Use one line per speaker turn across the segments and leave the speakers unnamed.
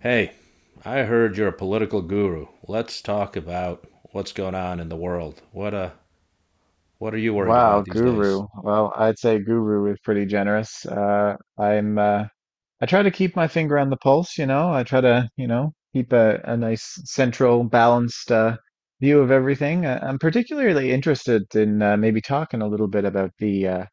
Hey, I heard you're a political guru. Let's talk about what's going on in the world. What are you worried
Wow,
about these days?
guru. Well, I'd say guru is pretty generous. I try to keep my finger on the pulse. I try to, you know, keep a nice central, balanced view of everything. I'm particularly interested in maybe talking a little bit about the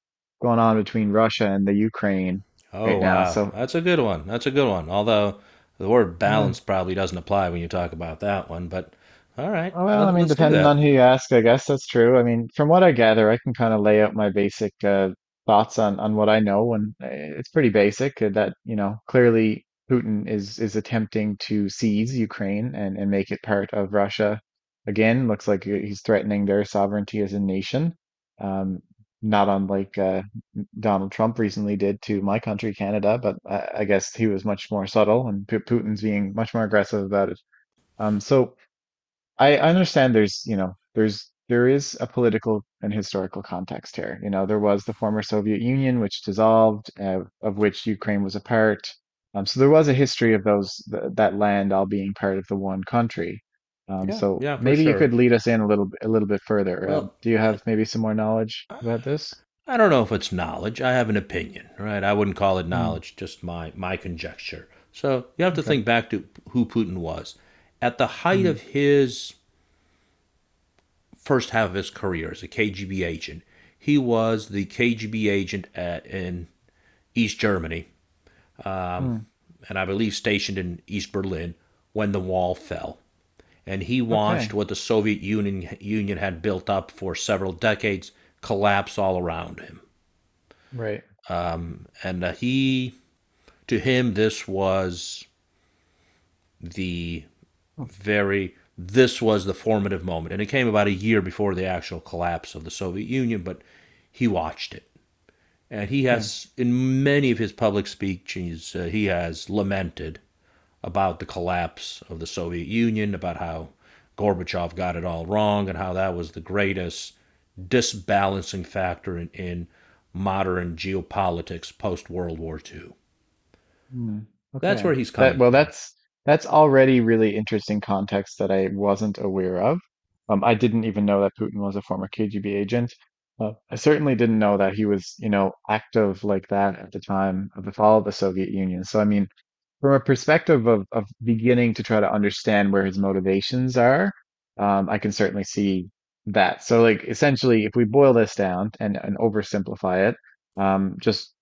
going on between Russia and the Ukraine right
Oh
now.
wow,
So,
that's a good one. That's a good one. Although the word
yeah.
balance probably doesn't apply when you talk about that one, but all right,
Oh, well, I
let,
mean,
let's do
depending on
that.
who you ask, I guess that's true. I mean, from what I gather, I can kind of lay out my basic thoughts on what I know, and it's pretty basic that, you know, clearly Putin is attempting to seize Ukraine and make it part of Russia. Again, looks like he's threatening their sovereignty as a nation, um, not unlike Donald Trump recently did to my country, Canada, but I guess he was much more subtle, and Putin's being much more aggressive about it. Um, so. I understand there's, you know, there is a political and historical context here. You know, there was the former Soviet Union, which dissolved, of which Ukraine was a part. So there was a history of those th that land all being part of the one country. Um,
Yeah,
so
yeah, for
maybe you
sure.
could lead us in a a little bit further. Um,
Well,
do you have maybe some more knowledge about this?
I don't know if it's knowledge. I have an opinion, right? I wouldn't call it
Hmm,
knowledge, just my conjecture. So you have to
okay.
think back to who Putin was at the height
Hmm,
of his first half of his career as a KGB agent. He was the KGB agent at in East Germany, um,
hmm,
and I believe stationed in East Berlin when the wall fell. And he watched
okay.
what the Soviet Union had built up for several decades collapse all around him.
Right.
And to him, this was the
Oh,
very this was the formative moment. And it came about a year before the actual collapse of the Soviet Union, but he watched it. And he
okay.
has, in many of his public speeches, he has lamented about the collapse of the Soviet Union, about how Gorbachev got it all wrong, and how that was the greatest disbalancing factor in modern geopolitics post World War II.
Hmm,
That's
okay.
where he's
That,
coming
well,
from.
that's already really interesting context that I wasn't aware of. I didn't even know that Putin was a former KGB agent. I certainly didn't know that he was, you know, active like that at the time of the fall of the Soviet Union. So, I mean, from a perspective of beginning to try to understand where his motivations are, I can certainly see that. So, like, essentially, if we boil this down and oversimplify it, just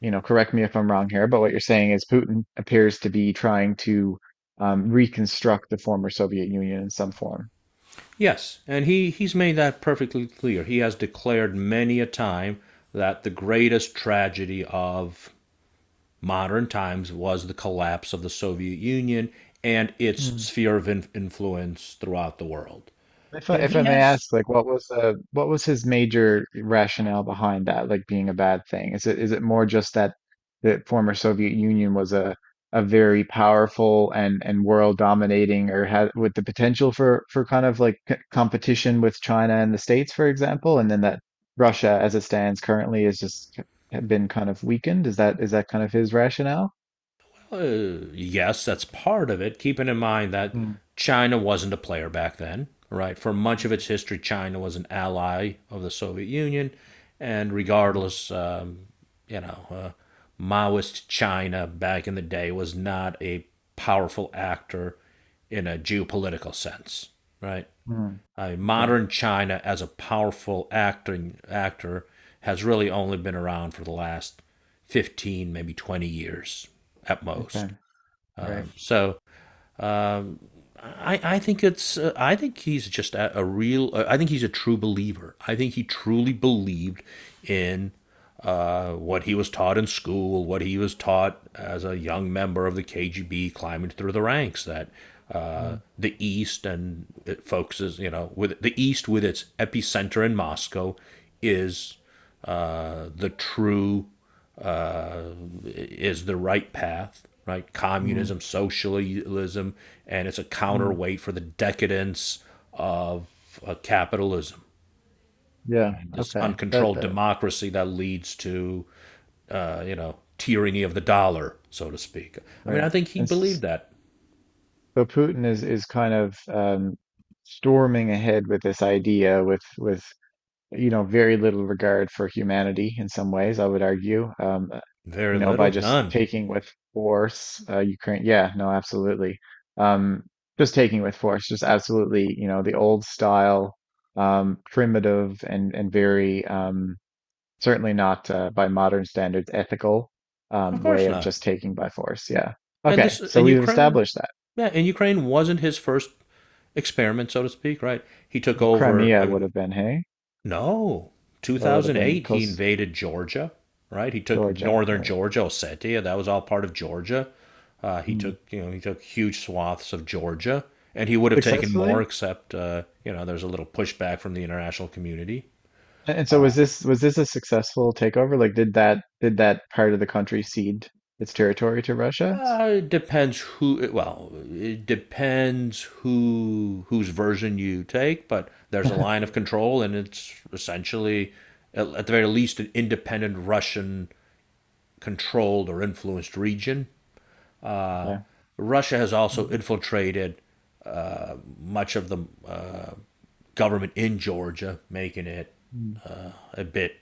you know, correct me if I'm wrong here, but what you're saying is Putin appears to be trying to reconstruct the former Soviet Union in some form.
Yes, and he's made that perfectly clear. He has declared many a time that the greatest tragedy of modern times was the collapse of the Soviet Union and its
Hmm.
sphere of influence throughout the world.
If I,
And
if I
he
may
has,
ask, like, what was his major rationale behind that, like being a bad thing? Is it more just that the former Soviet Union was a very powerful and world dominating, or had with the potential for kind of like c competition with China and the States, for example, and then that Russia, as it stands currently, is just been kind of weakened. Is that kind of his rationale?
yes, that's part of it, keeping in mind that
Mm,
China wasn't a player back then, right? For much of its
mm,
history, China was an ally of the Soviet Union, and
mhm,
regardless, you know, uh, Maoist China back in the day was not a powerful actor in a geopolitical sense, right?
mm.
I
Okay.
modern China as a powerful acting actor has really only been around for the last 15, maybe 20 years at
Okay.
most.
Right.
So I think it's I think he's just a real I think he's a true believer. I think he truly believed in what he was taught in school, what he was taught as a young member of the KGB climbing through the ranks that
Mm,
the East and it focuses with the East with its epicenter in Moscow is uh, the true is the right path, right?
mm,
Communism, socialism, and it's a
mm.
counterweight for the decadence of capitalism
Yeah.
and this
Okay. That,
uncontrolled
that
democracy that leads to, tyranny of the dollar, so to speak. I mean, I
right.
think he
And s-
believed that.
so Putin is kind of storming ahead with this idea, with you know, very little regard for humanity in some ways, I would argue.
Very
You know, by
little,
just
none.
taking with force, Ukraine. Yeah. No. Absolutely. Um, just taking with force, just absolutely. You know, the old style, primitive and very. Certainly not by modern standards ethical
Of
way
course
of
not.
just taking by force. Yeah.
And
Okay,
this,
so
and
we've
Ukraine,
established that
yeah, and Ukraine wasn't his first experiment, so to speak, right? He took over. I
Crimea would
mean,
have been, hey,
no.
or would have been
2008, he
Coast
invaded Georgia, right? He took
Georgia,
northern
right?
Georgia, Ossetia. That was all part of Georgia.
Hmm.
He took huge swaths of Georgia, and he would have taken more,
Successfully?
except, there's a little pushback from the international community.
And so was this a successful takeover? Like, did that part of the country cede its territory to Russia?
It depends who. Well, it depends whose version you take, but there's a line of control, and it's essentially, at the very least, an independent Russian controlled or influenced region.
Yeah. Okay.
Russia has also
Mm,
infiltrated uh, much of the government in Georgia, making it a bit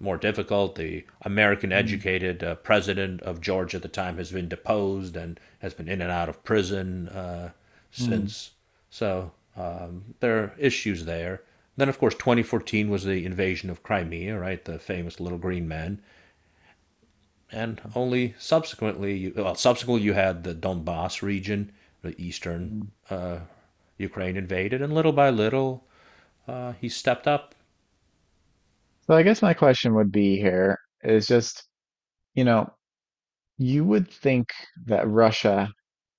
more difficult. The American
mm,
educated president of Georgia at the time has been deposed and has been in and out of prison
mm,
since. So, there are issues there. Then, of course, 2014 was the invasion of Crimea, right? The famous Little Green Men. And
mm,
only subsequently, well, subsequently you had the Donbass region, the eastern
mm.
uh, Ukraine invaded, and little by little, he stepped up.
So I guess my question would be here is just, you know, you would think that Russia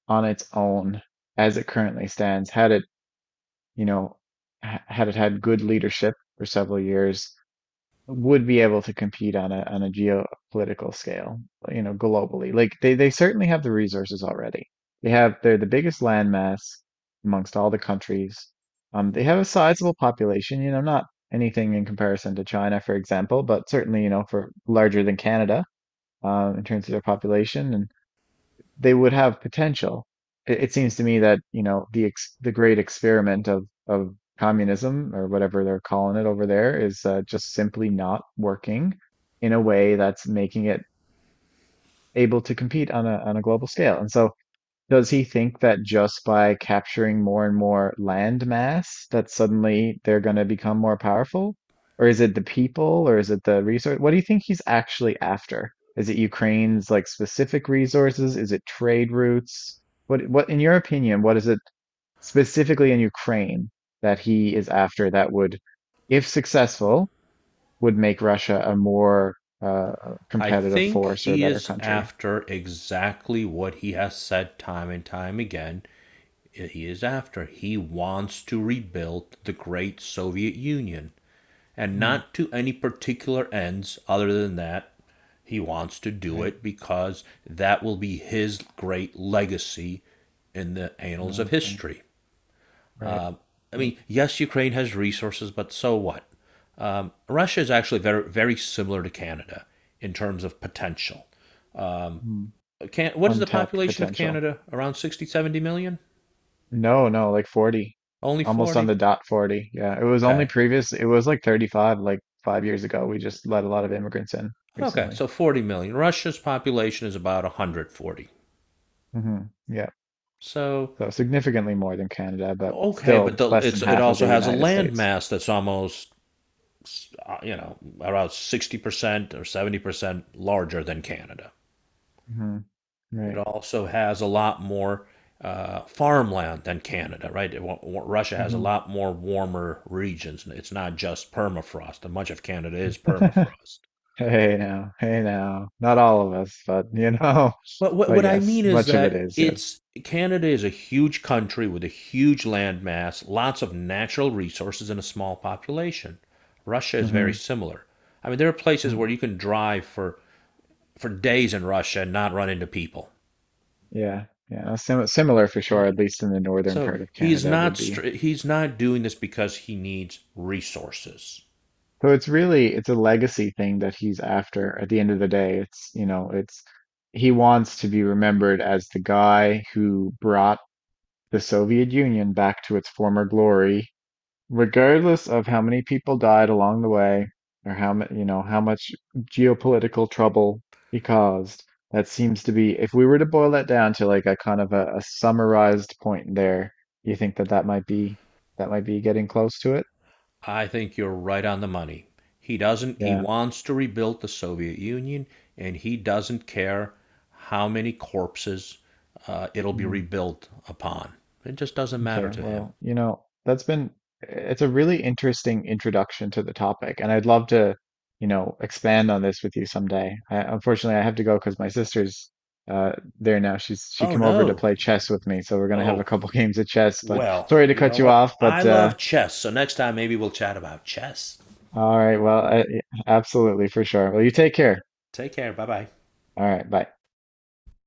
on its own as it currently stands, had it, you know, had it had good leadership for several years, would be able to compete on a geopolitical scale, you know, globally. Like they certainly have the resources already. They're the biggest landmass amongst all the countries. They have a sizable population, you know, not anything in comparison to China, for example, but certainly, you know, for larger than Canada, in terms of their population they would have potential. It seems to me that, you know, the great experiment of communism or whatever they're calling it over there is just simply not working in a way that's making it able to compete on a global scale. And so does he think that just by capturing more and more land mass that suddenly they're going to become more powerful? Or is it the people or is it the resource? What do you think he's actually after? Is it Ukraine's like specific resources? Is it trade routes? What in your opinion, what is it specifically in Ukraine that he is after that would, if successful, would make Russia a more
I
competitive
think
force or a
he
better
is
country?
after exactly what he has said time and time again. He is after. He wants to rebuild the great Soviet Union. And
Hmm,
not to any particular ends other than that he wants to do
right.
it because that will be his great legacy in the annals of
Okay.
history.
Right.
Uh, I
Right.
mean, yes, Ukraine has resources, but so what? Russia is actually very, very similar to Canada in terms of potential. Um,
Hmm.
what is the
Untapped
population of
potential.
Canada? Around 60, 70 million?
No, no, like 40.
Only
Almost on
40?
the dot 40. Yeah, it was only
Okay.
previous, it was like 35, like 5 years ago. We just let a lot of immigrants in
Okay,
recently.
so 40 million. Russia's population is about 140.
Hmm, yeah,
So,
so significantly more than Canada, but
okay, but
still less than
it
half of
also
the
has a
United
land
States.
mass that's almost around 60% or 70% larger than Canada.
Hmm.
It
Right.
also has a lot more farmland than Canada, right? Russia has a
Hmm.
lot more warmer regions. It's not just permafrost, and much of Canada is permafrost.
Hey now, hey now. Not all of us, but you know,
But what
but
what I
yes,
mean is
much of it
that
is, yes.
it's Canada is a huge country with a huge landmass, lots of natural resources, and a small population. Russia is very
Mm-hmm.
similar. I mean, there are places where
Hmm.
you can drive for days in Russia and not run into people.
Yeah, yeah. Similar for
Right.
sure, at least in the northern
So
part of Canada would be.
he's not doing this because he needs resources.
So it's really it's a legacy thing that he's after at the end of the day. It's, you know, it's he wants to be remembered as the guy who brought the Soviet Union back to its former glory, regardless of how many people died along the way or how much, you know, how much geopolitical trouble he caused. That seems to be, if we were to boil that down to like a kind of a summarized point there, you think that that might be getting close to it?
I think you're right on the money. He doesn't, he
Yeah.
wants to rebuild the Soviet Union, and he doesn't care how many corpses it'll be rebuilt upon. It just doesn't matter
Okay,
to him.
well, you know, that's been, eh, it's a really interesting introduction to the topic, and I'd love to, you know, expand on this with you someday. I, unfortunately, I have to go because my sister's uh there now. She
Oh,
came over to
no.
play chess with me, so we're gonna have a
Oh,
couple games of chess. But
well,
sorry to
you
cut
know
you
what?
off,
I
but
love chess, so next time maybe we'll chat about chess.
all right, well, absolutely for sure. Well, you take care.
Take care. Bye bye.
All right, bye.